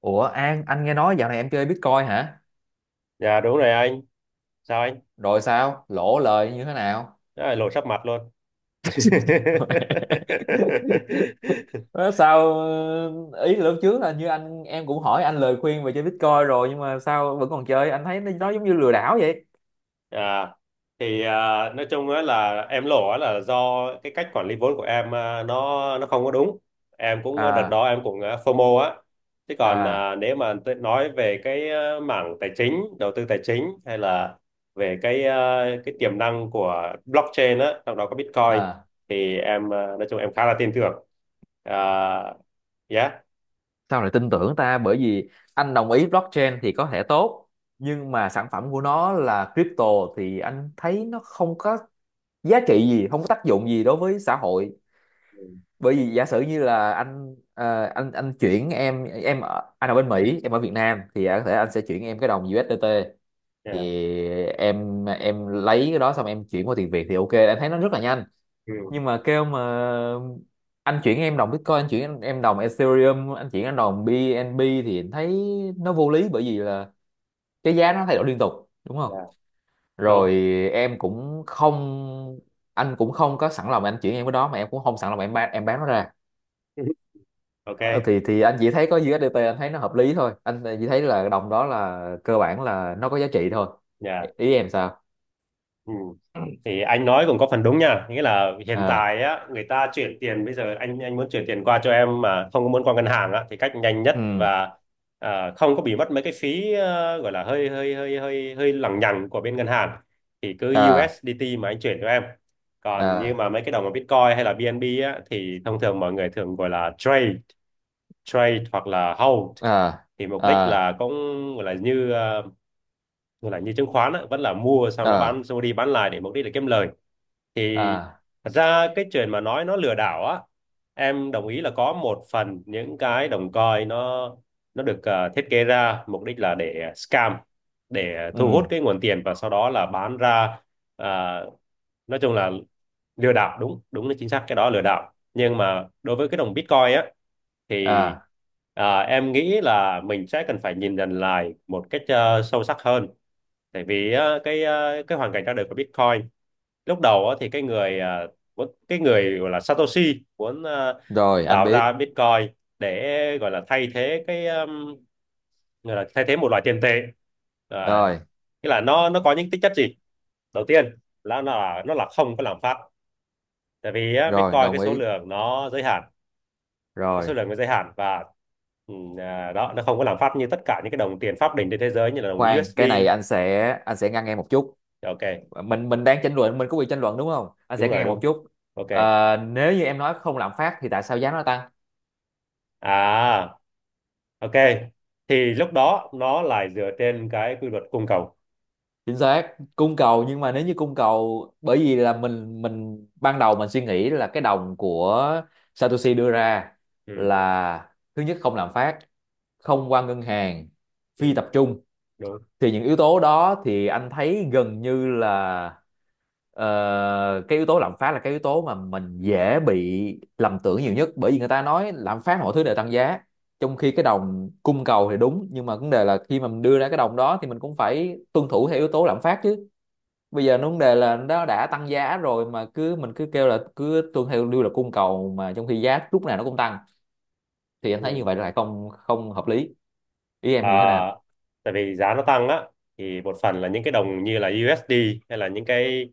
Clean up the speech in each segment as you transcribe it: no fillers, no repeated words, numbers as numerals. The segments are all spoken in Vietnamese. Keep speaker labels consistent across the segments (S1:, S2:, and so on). S1: Ủa An, anh nghe nói dạo này em chơi Bitcoin hả?
S2: Dạ đúng rồi anh. Sao anh?
S1: Rồi sao? Lỗ lời như thế nào?
S2: Đó là lộ sắp mặt luôn.
S1: Nói sao. Ý là lúc trước là như anh em cũng hỏi anh lời khuyên về chơi Bitcoin rồi, nhưng mà sao vẫn còn chơi? Anh thấy nó giống như lừa đảo vậy.
S2: à, nói chung á là em lộ á là do cái cách quản lý vốn của em, nó không có đúng. Em cũng, đợt
S1: À,
S2: đó em cũng, FOMO á. Chứ còn,
S1: à,
S2: nếu mà tôi nói về cái, mảng tài chính, đầu tư tài chính hay là về cái tiềm năng của blockchain á, trong đó có Bitcoin
S1: à.
S2: thì em, nói chung em khá là tin tưởng. À, yeah.
S1: Sao lại tin tưởng ta? Bởi vì anh đồng ý blockchain thì có thể tốt nhưng mà sản phẩm của nó là crypto thì anh thấy nó không có giá trị gì, không có tác dụng gì đối với xã hội, bởi vì giả sử như là anh anh chuyển em ở, anh ở bên Mỹ, em ở Việt Nam thì có thể anh sẽ chuyển em cái đồng USDT,
S2: Dạ.
S1: thì em lấy cái đó xong em chuyển qua tiền Việt thì ok, em thấy nó rất là nhanh.
S2: Ừ.
S1: Nhưng mà kêu mà, anh chuyển em đồng Bitcoin, anh chuyển em đồng Ethereum, anh chuyển em đồng BNB, thì em thấy nó vô lý, bởi vì là cái giá nó thay đổi liên tục, đúng không?
S2: Dạ. Đúng.
S1: Rồi. Em cũng không, anh cũng không có sẵn lòng anh chuyển em cái đó, mà em cũng không sẵn lòng em bán nó ra.
S2: Ok.
S1: Ờ, thì anh chỉ thấy có USDT, anh thấy nó hợp lý thôi, anh chỉ thấy là đồng đó là cơ bản là nó có giá trị thôi. ý
S2: Dạ.
S1: ý em sao?
S2: Ừ. Thì anh nói cũng có phần đúng nha, nghĩa là hiện
S1: À.
S2: tại á, người ta chuyển tiền bây giờ anh, muốn chuyển tiền qua cho em mà không có muốn qua ngân hàng á, thì cách nhanh nhất
S1: Ừ.
S2: và không có bị mất mấy cái phí, gọi là hơi hơi hơi hơi hơi lằng nhằng của bên ngân hàng thì cứ
S1: À.
S2: USDT mà anh chuyển cho em. Còn như
S1: À.
S2: mà mấy cái đồng mà Bitcoin hay là BNB á thì thông thường mọi người thường gọi là trade trade hoặc là hold,
S1: À.
S2: thì mục đích
S1: À.
S2: là cũng gọi là như, chứng khoán á, vẫn là mua xong nó
S1: À.
S2: bán xong đi bán lại để mục đích là kiếm lời. Thì
S1: À.
S2: thật ra cái chuyện mà nói nó lừa đảo á, em đồng ý là có một phần những cái đồng coin nó được, thiết kế ra mục đích là để scam, để thu hút
S1: Ừ.
S2: cái nguồn tiền và sau đó là bán ra. Ờ, nói chung là lừa đảo, đúng đúng là chính xác cái đó là lừa đảo. Nhưng mà đối với cái đồng Bitcoin á, thì
S1: À.
S2: em nghĩ là mình sẽ cần phải nhìn nhận lại một cách, sâu sắc hơn. Tại vì á, cái hoàn cảnh ra đời của Bitcoin lúc đầu á, thì cái người, cái người gọi là Satoshi muốn,
S1: Rồi anh
S2: tạo
S1: biết.
S2: ra Bitcoin để gọi là thay thế cái gọi là thay thế một loại tiền tệ. Ờ,
S1: Rồi.
S2: nghĩa là nó có những tính chất gì, đầu tiên là nó là không có lạm phát. Tại vì á,
S1: Rồi,
S2: Bitcoin
S1: đồng
S2: cái số
S1: ý.
S2: lượng nó giới hạn,
S1: Rồi.
S2: và, ừ, đó, nó không có lạm phát như tất cả những cái đồng tiền pháp định trên thế giới như là đồng
S1: Khoan, cái này
S2: USD.
S1: anh sẽ ngăn em một chút.
S2: Ok.
S1: Mình đang tranh luận, mình có quyền tranh luận đúng không, anh
S2: Đúng
S1: sẽ ngăn
S2: rồi.
S1: em một
S2: Đúng.
S1: chút.
S2: Ok.
S1: Nếu như em nói không lạm phát thì tại sao giá nó tăng?
S2: à ok, thì lúc đó nó lại dựa trên cái quy luật cung cầu.
S1: Chính xác cung cầu, nhưng mà nếu như cung cầu, bởi vì là mình ban đầu mình suy nghĩ là cái đồng của Satoshi đưa ra
S2: Ừ.
S1: là thứ nhất không lạm phát, không qua ngân hàng,
S2: Ừ.
S1: phi tập trung,
S2: Đúng.
S1: thì những yếu tố đó thì anh thấy gần như là cái yếu tố lạm phát là cái yếu tố mà mình dễ bị lầm tưởng nhiều nhất, bởi vì người ta nói lạm phát mọi thứ đều tăng giá, trong khi cái đồng cung cầu thì đúng, nhưng mà vấn đề là khi mà mình đưa ra cái đồng đó thì mình cũng phải tuân thủ theo yếu tố lạm phát chứ. Bây giờ vấn đề là nó đã tăng giá rồi mà cứ mình cứ kêu là cứ tuân theo lưu là cung cầu mà trong khi giá lúc nào nó cũng tăng, thì anh thấy như
S2: Ừ.
S1: vậy là không không hợp lý. Ý
S2: À,
S1: em như thế nào?
S2: tại vì giá nó tăng á, thì một phần là những cái đồng như là USD hay là những cái,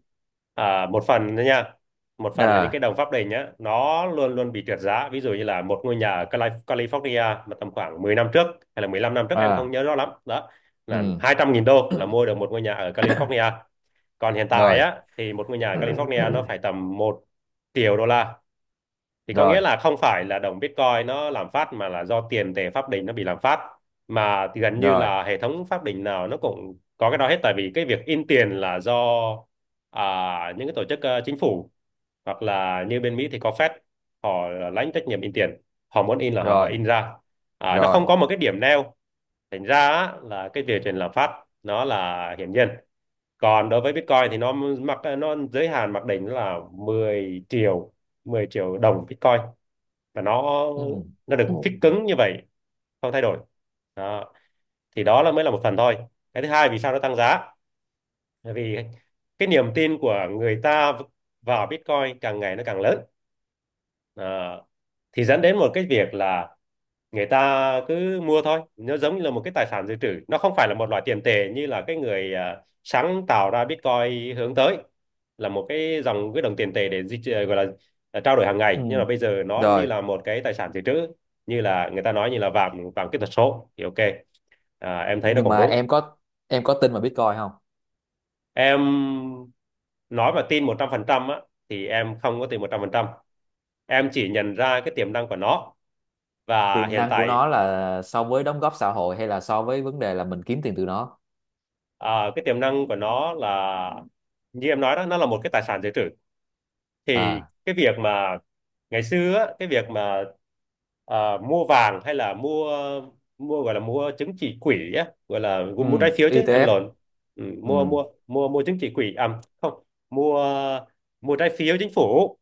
S2: một phần nữa nha, một phần là những cái
S1: À.
S2: đồng pháp định á, nó luôn luôn bị trượt giá. Ví dụ như là một ngôi nhà ở California mà tầm khoảng 10 năm trước hay là 15 năm trước em không
S1: À.
S2: nhớ rõ lắm đó, là
S1: Ừ.
S2: 200.000 đô là mua được một ngôi nhà ở California. Còn hiện tại
S1: Rồi.
S2: á, thì một ngôi nhà ở California nó phải tầm 1 triệu đô la. Thì có
S1: Rồi.
S2: nghĩa là không phải là đồng Bitcoin nó làm phát mà là do tiền tệ pháp định nó bị làm phát. Mà thì gần như
S1: Rồi.
S2: là hệ thống pháp định nào nó cũng có cái đó hết. Tại vì cái việc in tiền là do, à, những cái tổ chức, chính phủ, hoặc là như bên Mỹ thì có Fed, họ lãnh trách nhiệm in tiền, họ muốn in là họ
S1: Rồi.
S2: in ra, nó
S1: Rồi.
S2: không có một cái điểm neo. Thành ra á, là cái việc tiền lạm phát nó là hiển nhiên. Còn đối với Bitcoin thì nó mặc nó giới hạn mặc định là 10 triệu, 10 triệu đồng Bitcoin, và nó
S1: Ừ.
S2: nó
S1: Ừ.
S2: được fix cứng như vậy, không thay đổi. Đó. Thì đó là mới là một phần thôi. Cái thứ hai vì sao nó tăng giá, bởi vì cái niềm tin của người ta vào Bitcoin càng ngày nó càng lớn. Ờ, thì dẫn đến một cái việc là người ta cứ mua thôi, nó giống như là một cái tài sản dự trữ, nó không phải là một loại tiền tệ như là cái người, sáng tạo ra Bitcoin hướng tới là một cái đồng tiền tệ để gọi là, trao đổi hàng
S1: Ừ.
S2: ngày. Nhưng mà bây giờ nó
S1: Rồi.
S2: như là một cái tài sản dự trữ, như là người ta nói như là vàng, vàng kỹ thuật số thì ok, em thấy nó
S1: Nhưng
S2: cũng
S1: mà
S2: đúng.
S1: em có tin vào Bitcoin không?
S2: Em nói mà tin 100% á, thì em không có tin 100%, em chỉ nhận ra cái tiềm năng của nó. Và
S1: Tiềm
S2: hiện
S1: năng của
S2: tại,
S1: nó là so với đóng góp xã hội hay là so với vấn đề là mình kiếm tiền từ nó?
S2: cái tiềm năng của nó là như em nói đó, nó là một cái tài sản dự trữ. Thì
S1: À.
S2: cái việc mà ngày xưa á, cái việc mà mua vàng, hay là mua, gọi là mua chứng chỉ quỹ á, gọi là mua
S1: Ừ.
S2: trái phiếu, chứ em
S1: ETF.
S2: lộn. Ừ,
S1: Ừ,
S2: mua mua mua mua chứng chỉ quỹ, à không, mua mua trái phiếu chính phủ.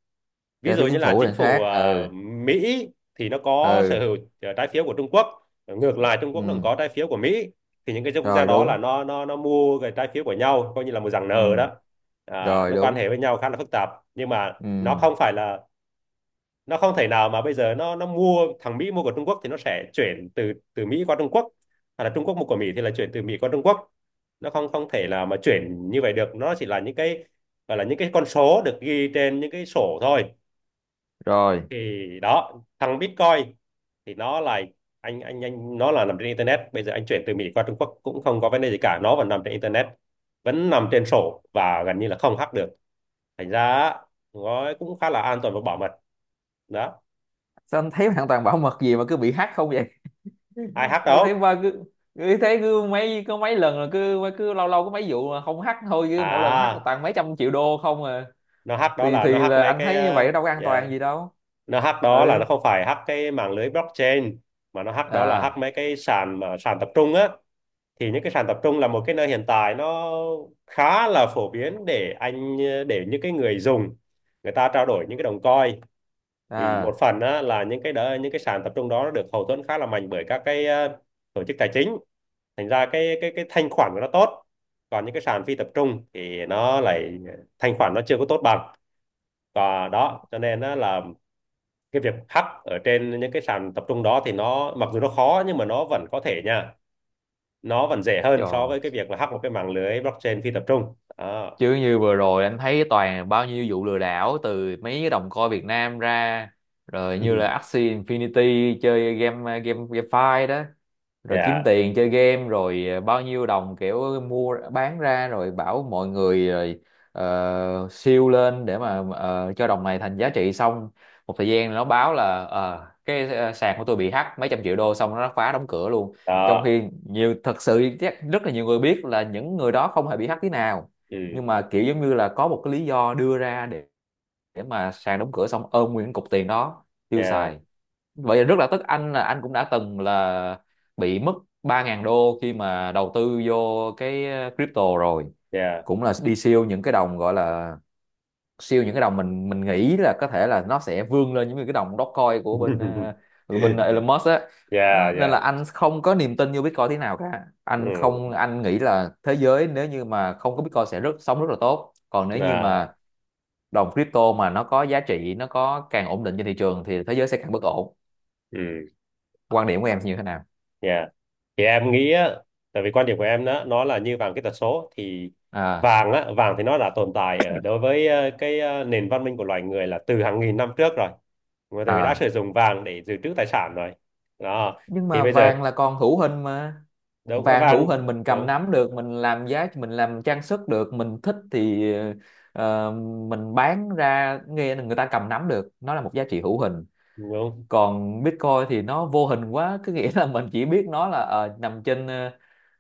S2: Ví
S1: trái
S2: dụ
S1: phiếu
S2: như
S1: chính
S2: là
S1: phủ
S2: chính
S1: là
S2: phủ,
S1: khác. Ừ.
S2: Mỹ thì nó có sở
S1: Ừ.
S2: hữu, trái phiếu của Trung Quốc. Ngược lại Trung Quốc nó cũng
S1: Ừ.
S2: có trái phiếu của Mỹ. Thì những cái quốc gia
S1: Rồi,
S2: đó là
S1: đúng.
S2: nó mua cái trái phiếu của nhau coi như là một dạng nợ
S1: Ừ.
S2: đó.
S1: Rồi,
S2: Nó quan
S1: đúng.
S2: hệ với nhau khá là phức tạp. Nhưng mà
S1: Ừ.
S2: nó không phải là nó không thể nào mà bây giờ nó mua, thằng Mỹ mua của Trung Quốc thì nó sẽ chuyển từ từ Mỹ qua Trung Quốc, hoặc là Trung Quốc mua của Mỹ thì là chuyển từ Mỹ qua Trung Quốc. Nó không không thể là mà chuyển như vậy được, nó chỉ là những cái, gọi là những cái con số được ghi trên những cái sổ thôi.
S1: Rồi.
S2: Thì đó, thằng Bitcoin thì nó là, anh nó là nằm trên internet. Bây giờ anh chuyển từ Mỹ qua Trung Quốc cũng không có vấn đề gì cả, nó vẫn nằm trên internet, vẫn nằm trên sổ, và gần như là không hack được. Thành ra á, nó cũng khá là an toàn và bảo mật. Đó.
S1: Sao anh thấy hoàn toàn bảo mật gì mà cứ bị hack không vậy?
S2: Ai hack
S1: Tôi thấy
S2: đâu.
S1: ba cứ cứ thấy cứ mấy, có mấy lần là cứ cứ lâu lâu có mấy vụ mà không hack thôi, cứ mỗi lần hack
S2: à
S1: toàn mấy trăm triệu đô không à.
S2: nó hack đó
S1: thì
S2: là
S1: thì
S2: nó hack
S1: là
S2: mấy
S1: anh
S2: cái,
S1: thấy như vậy đâu có an
S2: yeah,
S1: toàn gì đâu.
S2: nó hack đó là
S1: Ừ.
S2: nó không phải hack cái mạng lưới blockchain, mà nó hack đó là hack
S1: À.
S2: mấy cái sàn, mà sàn tập trung á. Thì những cái sàn tập trung là một cái nơi hiện tại nó khá là phổ biến để những cái người dùng, người ta trao đổi những cái đồng coin. Vì một
S1: À.
S2: phần á, là những cái sàn tập trung đó nó được hậu thuẫn khá là mạnh bởi các cái, tổ chức tài chính. Thành ra cái thanh khoản của nó tốt. Còn những cái sàn phi tập trung thì nó lại thanh khoản nó chưa có tốt bằng. Và đó cho nên á, là cái việc hack ở trên những cái sàn tập trung đó thì nó mặc dù nó khó, nhưng mà nó vẫn có thể nha, nó vẫn dễ hơn so
S1: Trời.
S2: với cái việc là hack một cái mạng lưới blockchain phi tập trung đó.
S1: Chứ như vừa rồi anh thấy toàn bao nhiêu vụ lừa đảo từ mấy cái đồng coi Việt Nam ra, rồi như là Axie Infinity chơi game, GameFi đó. Rồi kiếm
S2: Yeah.
S1: tiền chơi game, rồi bao nhiêu đồng kiểu mua bán ra rồi bảo mọi người, rồi siêu lên để mà cho đồng này thành giá trị xong. Một thời gian nó báo là cái sàn của tôi bị hack mấy trăm triệu đô, xong nó phá đóng cửa luôn. Trong
S2: Đó.
S1: khi nhiều, thật sự chắc rất là nhiều người biết là những người đó không hề bị hack tí nào,
S2: Ừ.
S1: nhưng mà kiểu giống như là có một cái lý do đưa ra để mà sàn đóng cửa xong ôm nguyên cục tiền đó tiêu
S2: Yeah,
S1: xài. Vậy là rất là tức, anh là anh cũng đã từng là bị mất 3.000 đô khi mà đầu tư vô cái crypto rồi,
S2: yeah.
S1: cũng là đi siêu những cái đồng gọi là siêu những cái đồng mình nghĩ là có thể là nó sẽ vươn lên những cái đồng Dogecoin của bên của bên Elon Musk á.
S2: Dạ.
S1: Đó, nên là
S2: Dạ.
S1: anh không có niềm tin vô Bitcoin thế nào cả,
S2: Ừ.
S1: anh không, anh nghĩ là thế giới nếu như mà không có Bitcoin sẽ rất sống rất là tốt, còn nếu như
S2: À.
S1: mà đồng crypto mà nó có giá trị nó có càng ổn định trên thị trường thì thế giới sẽ càng bất ổn.
S2: Ừ.
S1: Quan điểm của em thì như thế nào?
S2: Dạ. Thì em nghĩ á, tại vì quan điểm của em đó nó là như vàng kỹ thuật số thì
S1: À.
S2: vàng á, vàng thì nó đã tồn tại đối với, nền văn minh của loài người là từ hàng nghìn năm trước rồi. Người đã
S1: À.
S2: sử dụng vàng để dự trữ tài sản rồi. Đó.
S1: Nhưng
S2: Thì
S1: mà
S2: bây giờ
S1: vàng là còn hữu hình mà.
S2: đúng ở
S1: Vàng hữu
S2: vàng.
S1: hình mình cầm
S2: Đúng.
S1: nắm được, mình làm giá, mình làm trang sức được, mình thích thì ờ, mình bán ra nghe là người ta cầm nắm được, nó là một giá trị hữu hình.
S2: Đúng.
S1: Còn Bitcoin thì nó vô hình quá cứ nghĩa là mình chỉ biết nó là nằm trên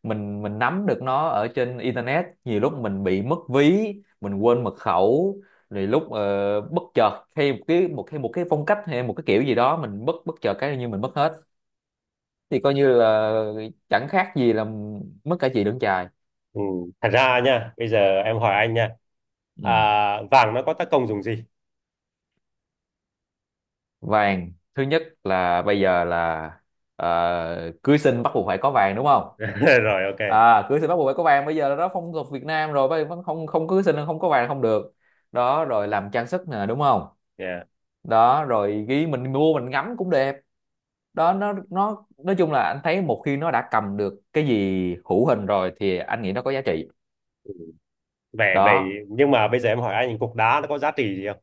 S1: mình nắm được nó ở trên internet, nhiều lúc mình bị mất ví, mình quên mật khẩu, rồi lúc bất chợt hay một cái một hay một cái phong cách hay một cái kiểu gì đó mình bất bất chợt cái như mình mất hết, thì coi như là chẳng khác gì là mất cả chị lẫn chài.
S2: Ừ. Thật ra nha, bây giờ em hỏi anh nha, à,
S1: Ừ.
S2: vàng nó có tác công dùng gì.
S1: Vàng thứ nhất là bây giờ là cưới xin bắt buộc phải có vàng đúng không?
S2: Rồi, ok.
S1: À, cưới xin bắt buộc phải có vàng, bây giờ là đó phong tục Việt Nam rồi, bây vẫn không, cưới xin là không có vàng không được. Đó, rồi làm trang sức nè, đúng không?
S2: Yeah.
S1: Đó, rồi ghi mình mua mình ngắm cũng đẹp. Đó, nó nói chung là anh thấy một khi nó đã cầm được cái gì hữu hình rồi thì anh nghĩ nó có giá trị.
S2: về
S1: Đó.
S2: về, nhưng mà bây giờ em hỏi anh cục đá nó có giá trị gì không.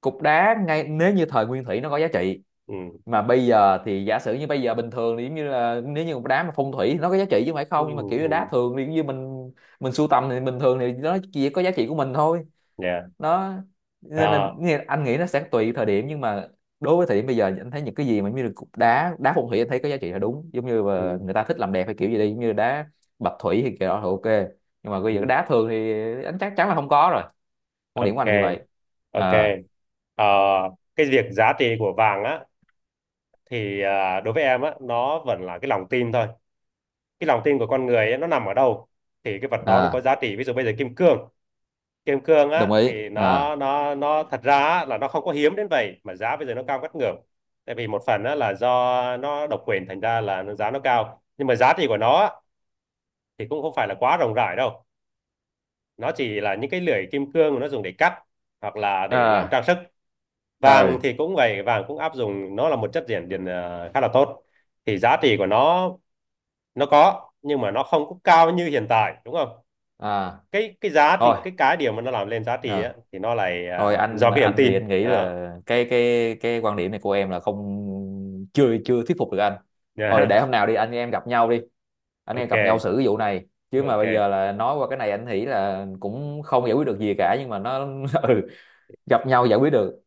S1: Cục đá, ngay nếu như thời nguyên thủy nó có giá trị,
S2: Ừ.
S1: mà bây giờ thì giả sử như bây giờ bình thường thì giống như là nếu như một đá mà phong thủy nó có giá trị chứ không phải
S2: Ừ.
S1: không, nhưng mà kiểu như
S2: Ừ.
S1: đá thường thì giống như mình sưu tầm thì bình thường thì nó chỉ có giá trị của mình thôi.
S2: Yeah.
S1: Nó, nên là
S2: Đó.
S1: anh nghĩ nó sẽ tùy thời điểm, nhưng mà đối với thời điểm bây giờ anh thấy những cái gì mà giống như là cục đá, đá phong thủy anh thấy có giá trị là đúng, giống như là
S2: Ừ.
S1: người ta thích làm đẹp hay kiểu gì đi giống như đá bạch thủy thì kiểu đó thì ok. Nhưng mà bây
S2: Ừ.
S1: giờ đá thường thì anh chắc chắn là không có rồi. Quan điểm của
S2: Ok.
S1: anh là như vậy.
S2: Ok.
S1: À.
S2: Ờ, cái việc giá trị của vàng á, thì đối với em á nó vẫn là cái lòng tin thôi. Cái lòng tin của con người ấy, nó nằm ở đâu thì cái vật đó nó
S1: À,
S2: có giá trị. Ví dụ bây giờ kim cương, kim cương
S1: đồng
S2: á
S1: ý.
S2: thì nó
S1: À.
S2: nó nó thật ra á, là nó không có hiếm đến vậy mà giá bây giờ nó cao ngất ngưởng. Tại vì một phần á, là do nó độc quyền thành ra là giá nó cao, nhưng mà giá trị của nó á, thì cũng không phải là quá rộng rãi đâu. Nó chỉ là những cái lưỡi kim cương nó dùng để cắt hoặc là để làm
S1: À.
S2: trang sức.
S1: Ờ.
S2: Vàng thì cũng vậy, vàng cũng áp dụng nó là một chất dẫn điện, khá là tốt. Thì giá trị của nó có, nhưng mà nó không có cao như hiện tại, đúng không.
S1: À.
S2: Cái giá trị,
S1: Thôi.
S2: cái điều mà nó làm lên giá trị
S1: Ờ,
S2: á, thì nó lại,
S1: Thôi, anh
S2: do cái niềm
S1: anh thì
S2: tin
S1: anh nghĩ
S2: đó.
S1: là cái quan điểm này của em là không, chưa chưa thuyết phục được anh. Thôi
S2: Dạ.
S1: để hôm nào đi anh em gặp nhau đi, anh em gặp nhau
S2: Ok.
S1: xử cái vụ này. Chứ mà
S2: Ok.
S1: bây giờ là nói qua cái này anh nghĩ là cũng không giải quyết được gì cả, nhưng mà nó ừ, gặp nhau giải quyết được.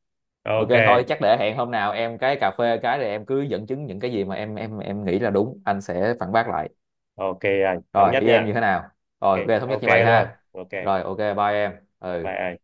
S1: Ok
S2: Ok.
S1: thôi chắc để hẹn hôm nào em cái cà phê cái rồi em cứ dẫn chứng những cái gì mà em nghĩ là đúng, anh sẽ phản bác lại.
S2: Ok. Anh thống
S1: Rồi
S2: nhất
S1: ý em
S2: nha.
S1: như thế nào? Rồi
S2: Ok.
S1: ok thống nhất
S2: Ok
S1: như vậy
S2: luôn.
S1: ha.
S2: Ok,
S1: Rồi ok bye em.
S2: bye
S1: Ừ.
S2: anh.